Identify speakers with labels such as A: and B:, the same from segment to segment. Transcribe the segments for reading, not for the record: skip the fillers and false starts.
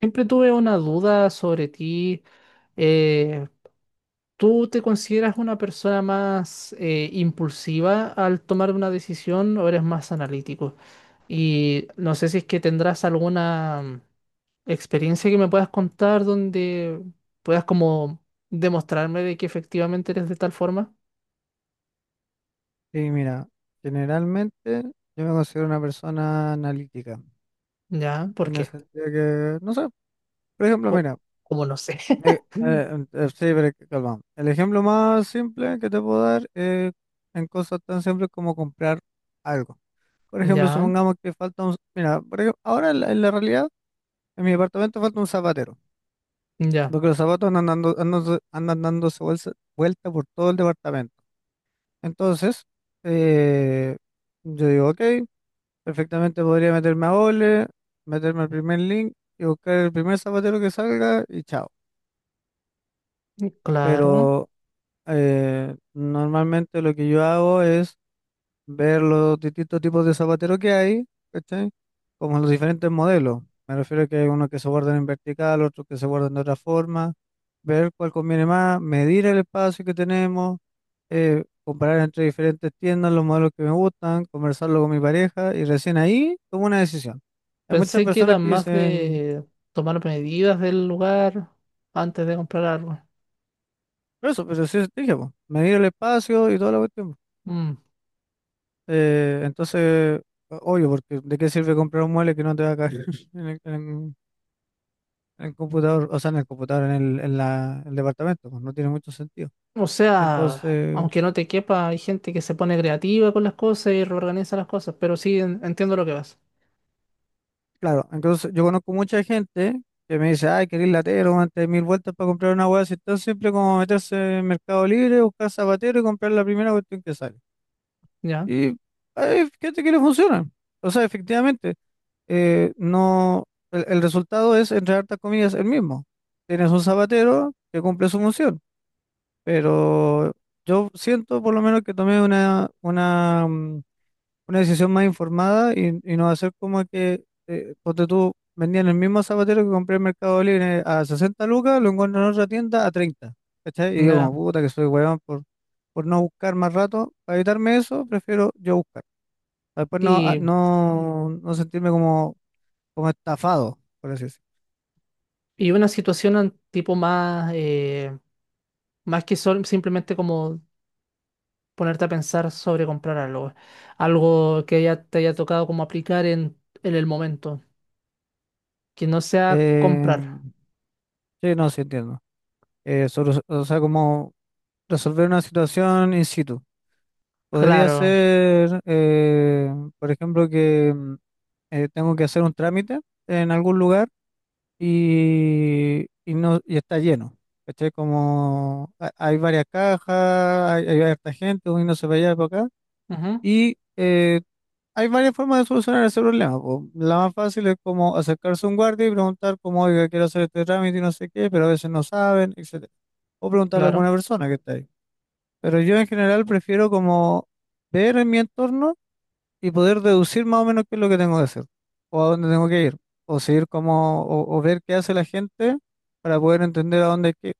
A: Siempre tuve una duda sobre ti. Eh, ¿Tú te consideras una persona más impulsiva al tomar una decisión o eres más analítico? Y no sé si es que tendrás alguna experiencia que me puedas contar donde puedas como demostrarme de que efectivamente eres de tal forma.
B: Sí, mira, generalmente yo me considero una persona analítica,
A: Ya, ¿por
B: en el
A: qué?
B: sentido que, no sé, por ejemplo,
A: Co-
B: mira,
A: Como no sé.
B: sí, pero calma. El ejemplo más simple que te puedo dar es en cosas tan simples como comprar algo. Por ejemplo,
A: Ya,
B: supongamos que falta un, mira, por ejemplo, ahora en la realidad, en mi departamento falta un zapatero,
A: ya,
B: porque los zapatos andan dando, andan dándose vuelta, vuelta por todo el departamento. Entonces, eh, yo digo, ok. Perfectamente podría meterme a Ole, meterme al primer link y buscar el primer zapatero que salga y chao.
A: claro.
B: Pero normalmente lo que yo hago es ver los distintos tipos de zapateros que hay, ¿cachai? Como los diferentes modelos. Me refiero a que hay unos que se guardan en vertical, otros que se guardan de otra forma, ver cuál conviene más, medir el espacio que tenemos, comparar entre diferentes tiendas los modelos que me gustan, conversarlo con mi pareja y recién ahí tomo una decisión. Hay muchas
A: Pensé que
B: personas
A: era
B: que
A: más
B: dicen,
A: de tomar medidas del lugar antes de comprar algo.
B: pero eso, pero sí, dije, po, medir el espacio y toda la cuestión.
A: Mm.
B: Entonces, obvio, porque ¿de qué sirve comprar un mueble que no te va a caer en el, en- en el computador, o sea, en el computador, en el, en la, el departamento? Pues, no tiene mucho sentido.
A: O sea,
B: Entonces.
A: aunque no te quepa, hay gente que se pone creativa con las cosas y reorganiza las cosas, pero sí entiendo lo que vas.
B: Claro, entonces yo conozco mucha gente que me dice, ay, querés latero, antes de mil vueltas para comprar una hueá, si están siempre como meterse en Mercado Libre, buscar zapatero y comprar la primera cuestión que sale.
A: Ya,
B: Y ay, fíjate que le funciona. O sea, efectivamente, no, el resultado es, entre hartas comillas, el mismo. Tienes un zapatero que cumple su función, pero yo siento por lo menos que tomé una decisión más informada y no va a ser como que, ponte tú, vendían el mismo zapatero que compré en Mercado Libre a 60 lucas, lo encuentro en otra tienda a 30, ¿cachai? Y digo, como
A: ya.
B: puta que soy weón por no buscar más rato, para evitarme eso, prefiero yo buscar, para después
A: Y,
B: no sentirme como estafado, por así decirlo.
A: y una situación tipo más, más que simplemente como ponerte a pensar sobre comprar algo. Algo que ya te haya tocado como aplicar en el momento. Que no sea comprar.
B: Eh, sí, no, sí entiendo. O sea, como resolver una situación in situ. Podría
A: Claro.
B: ser, por ejemplo, que tengo que hacer un trámite en algún lugar y no, y está lleno. ¿Cachai? Como hay varias cajas, hay harta gente, uno no se va allá y para acá.
A: Ujú,
B: Y hay varias formas de solucionar ese problema, po. La más fácil es como acercarse a un guardia y preguntar como, oiga, quiero hacer este trámite y no sé qué, pero a veces no saben, etcétera. O preguntarle a alguna
A: claro.
B: persona que está ahí. Pero yo en general prefiero como ver en mi entorno y poder deducir más o menos qué es lo que tengo que hacer, o a dónde tengo que ir, o seguir como, o ver qué hace la gente para poder entender a dónde hay que ir,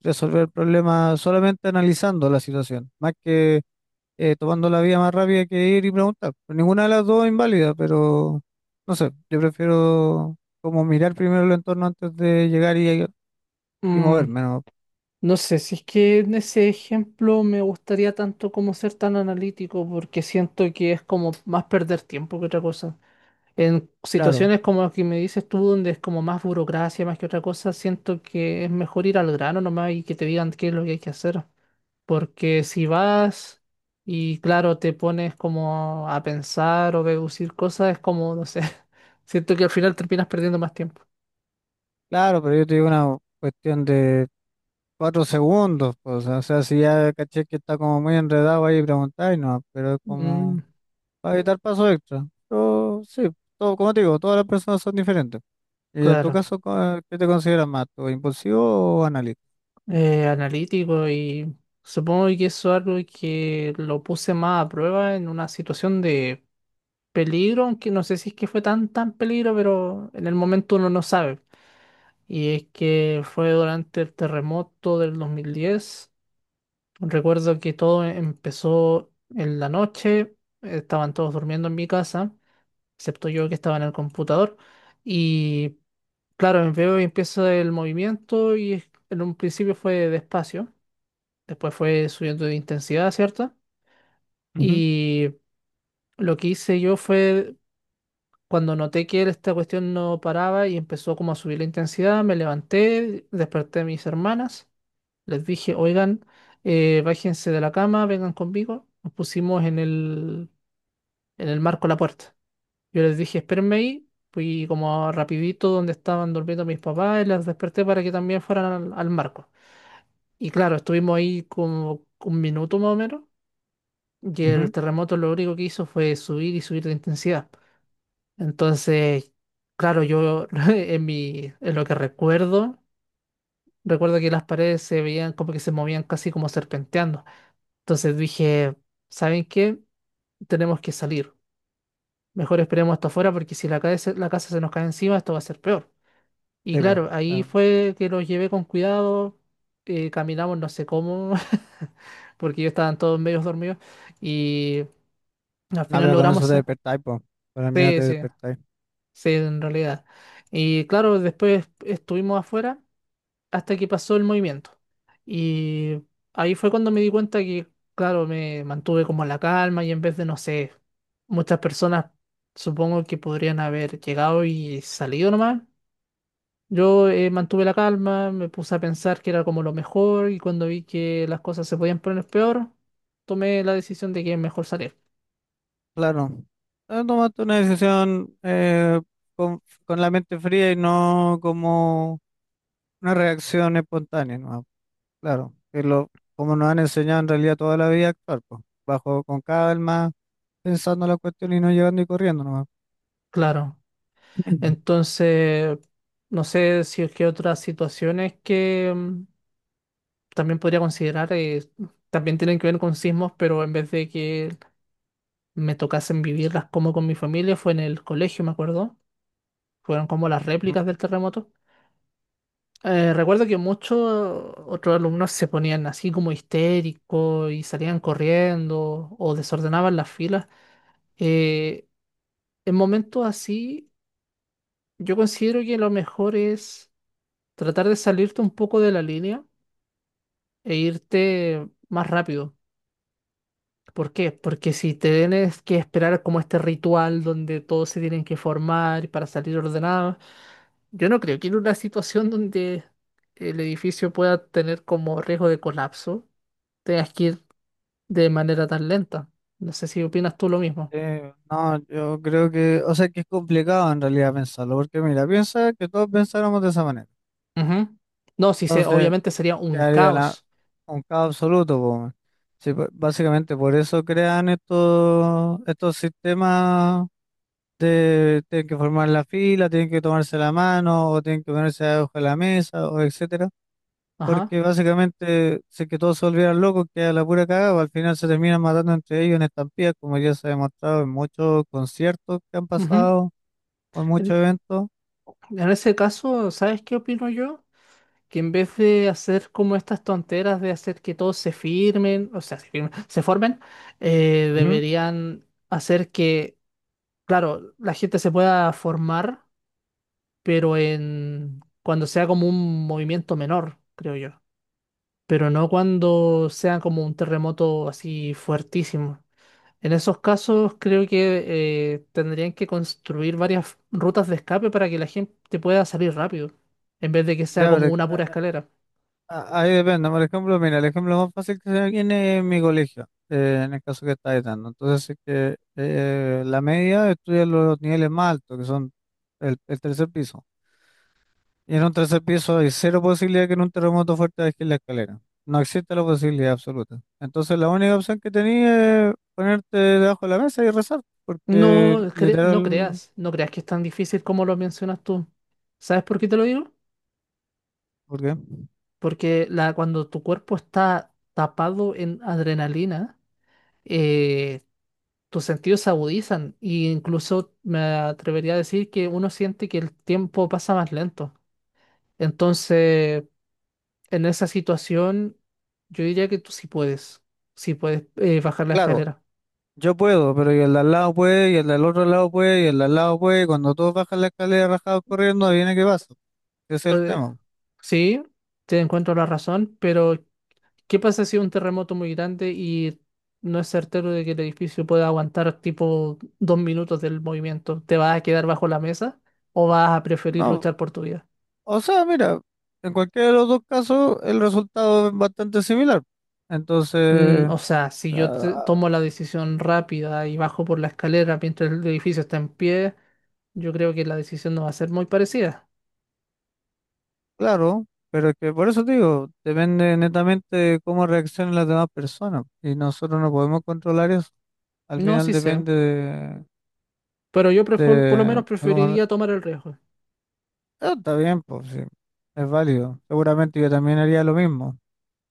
B: resolver el problema solamente analizando la situación, más que tomando la vía más rápida que ir y preguntar. Pero ninguna de las dos es inválida, pero no sé, yo prefiero como mirar primero el entorno antes de llegar y,
A: Mm,
B: moverme, ¿no?
A: no sé, si es que en ese ejemplo me gustaría tanto como ser tan analítico, porque siento que es como más perder tiempo que otra cosa. En
B: Claro,
A: situaciones como las que me dices tú, donde es como más burocracia, más que otra cosa, siento que es mejor ir al grano nomás y que te digan qué es lo que hay que hacer. Porque si vas y claro, te pones como a pensar o deducir cosas, es como, no sé, siento que al final terminas perdiendo más tiempo.
B: claro, pero yo te digo una cuestión de 4 segundos, pues, o sea, si ya caché que está como muy enredado ahí preguntáis, no, pero es
A: Mm,
B: como para evitar paso extra. Pero sí, todo, como te digo, todas las personas son diferentes. Y en tu
A: claro.
B: caso, ¿qué te consideras más, tú, impulsivo o analítico?
A: Analítico y supongo que eso es algo que lo puse más a prueba en una situación de peligro, aunque no sé si es que fue tan tan peligro, pero en el momento uno no sabe. Y es que fue durante el terremoto del 2010. Recuerdo que todo empezó en la noche, estaban todos durmiendo en mi casa, excepto yo que estaba en el computador. Y claro, veo y empiezo el movimiento y en un principio fue despacio. Después fue subiendo de intensidad, ¿cierto?
B: Ujú,
A: Y lo que hice yo fue, cuando noté que esta cuestión no paraba y empezó como a subir la intensidad, me levanté, desperté a mis hermanas, les dije, oigan, bájense de la cama, vengan conmigo. Nos pusimos en el marco de la puerta. Yo les dije, espérenme ahí, fui como rapidito donde estaban durmiendo mis papás y las desperté para que también fueran al marco. Y claro, estuvimos ahí como 1 minuto más o menos. Y el
B: ujú.
A: terremoto lo único que hizo fue subir y subir de intensidad. Entonces, claro, yo en lo que recuerdo, recuerdo que las paredes se veían como que se movían casi como serpenteando. Entonces dije, ¿saben qué? Tenemos que salir. Mejor esperemos hasta afuera porque si la cae se- la casa se nos cae encima, esto va a ser peor. Y
B: Sí, pues,
A: claro, ahí fue que los llevé con cuidado, caminamos no sé cómo, porque ellos estaban todos medios dormidos y al
B: no,
A: final
B: pero con
A: logramos...
B: eso te
A: sa-
B: despertáis, pues, con el miedo
A: Sí,
B: te
A: sí.
B: despertáis.
A: Sí, en realidad. Y claro, después estuvimos afuera hasta que pasó el movimiento. Y ahí fue cuando me di cuenta que, claro, me mantuve como la calma y en vez de, no sé, muchas personas supongo que podrían haber llegado y salido nomás. Yo mantuve la calma, me puse a pensar que era como lo mejor y cuando vi que las cosas se podían poner peor, tomé la decisión de que es mejor salir.
B: Claro, tomaste una decisión, con la mente fría y no como una reacción espontánea, ¿no? Claro, que lo, como nos han enseñado en realidad toda la vida a actuar, pues, bajo con calma, pensando la cuestión y no llegando y corriendo nomás.
A: Claro. Entonces, no sé si es que otras situaciones que también podría considerar también tienen que ver con sismos, pero en vez de que me tocasen vivirlas como con mi familia, fue en el colegio, me acuerdo. Fueron como las
B: Ujú.
A: réplicas del terremoto. Recuerdo que muchos otros alumnos se ponían así como histéricos y salían corriendo o desordenaban las filas. Eh, en momentos así, yo considero que lo mejor es tratar de salirte un poco de la línea e irte más rápido. ¿Por qué? Porque si te tienes que esperar como este ritual donde todos se tienen que formar para salir ordenados, yo no creo que en una situación donde el edificio pueda tener como riesgo de colapso, tengas que ir de manera tan lenta. No sé si opinas tú lo mismo.
B: No, yo creo que, o sea, que es complicado en realidad pensarlo, porque mira, piensa que todos pensáramos de esa manera.
A: Ujú. No, sí, se
B: Entonces,
A: obviamente sería un
B: quedaría la,
A: caos.
B: un caos absoluto, po, weón. Sí, básicamente por eso crean estos sistemas de tienen que formar la fila, tienen que tomarse la mano, o tienen que ponerse debajo de la mesa, o etcétera,
A: Ajá.
B: porque básicamente si que todos se volvieran locos, queda la pura cagada, pues, al final se terminan matando entre ellos en estampillas, como ya se ha demostrado en muchos conciertos que han
A: Ujú.
B: pasado o en
A: En,
B: muchos eventos.
A: en ese caso, ¿sabes qué opino yo? Que en vez de hacer como estas tonteras de hacer que todos se firmen, o sea, se formen,
B: Ujú.
A: deberían hacer que, claro, la gente se pueda formar, pero en cuando sea como un movimiento menor, creo yo, pero no cuando sea como un terremoto así fuertísimo. En esos casos creo que tendrían que construir varias rutas de escape para que la gente pueda salir rápido, en vez de que sea
B: Ya,
A: como
B: pero
A: una pura escalera.
B: ahí depende. Por ejemplo, mira, el ejemplo más fácil que se me viene es mi colegio, en el caso que está dando. Entonces, si es que la media estudia los niveles más altos, que son el tercer piso. Y en un tercer piso hay cero posibilidad que en un terremoto fuerte bajes la escalera. No existe la posibilidad absoluta. Entonces la única opción que tenía es ponerte debajo de la mesa y rezar, porque
A: No, no
B: literal,
A: creas, no creas que es tan difícil como lo mencionas tú. ¿Sabes por qué te lo digo?
B: porque
A: Porque la, cuando tu cuerpo está tapado en adrenalina, eh, tus sentidos se agudizan e incluso me atrevería a decir que uno siente que el tiempo pasa más lento. Entonces, en esa situación, yo diría que sí puedes bajar la
B: claro,
A: escalera.
B: yo puedo, pero y el de al lado puede, y el del otro lado puede, y el de al lado puede, y cuando todos bajan la escalera rajados corriendo, viene qué pasa. Ese es el
A: Eh,
B: tema.
A: sí, te encuentro la razón, pero ¿qué pasa si es un terremoto muy grande y no es certero de que el edificio pueda aguantar tipo 2 minutos del movimiento? ¿Te vas a quedar bajo la mesa o vas a preferir
B: No,
A: luchar por tu vida?
B: o sea, mira, en cualquiera de los dos casos el resultado es bastante similar.
A: Mm,
B: Entonces,
A: o sea, si yo
B: ah,
A: tomo la decisión rápida y bajo por la escalera mientras el edificio está en pie, yo creo que la decisión no va a ser muy parecida.
B: claro, pero es que por eso te digo, depende netamente de cómo reaccionen las demás personas y nosotros no podemos controlar eso. Al
A: No,
B: final
A: sí sé,
B: depende
A: pero yo por lo menos
B: de, de cómo.
A: preferiría tomar el riesgo.
B: Ah, está bien, pues sí, es válido. Seguramente yo también haría lo mismo,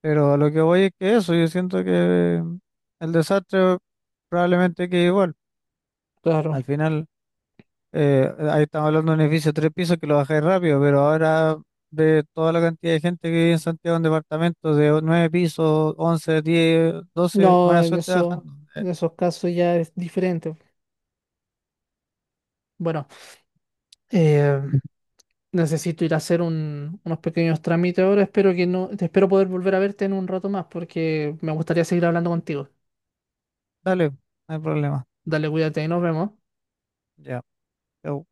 B: pero a lo que voy es que eso, yo siento que el desastre probablemente quede igual.
A: Claro.
B: Al final. Ahí estamos hablando de un edificio de tres pisos que lo bajáis rápido, pero ahora ve toda la cantidad de gente que vive en Santiago en departamentos de nueve pisos, 11, 10, 12.
A: No,
B: Buena
A: en
B: suerte
A: eso,
B: bajando.
A: en esos casos ya es diferente. Bueno. eh, Necesito ir a hacer unos pequeños trámites ahora. Espero que no, Espero poder volver a verte en un rato más porque me gustaría seguir hablando contigo.
B: Dale, no hay problema.
A: Dale, cuídate y nos vemos.
B: Ya. Chau.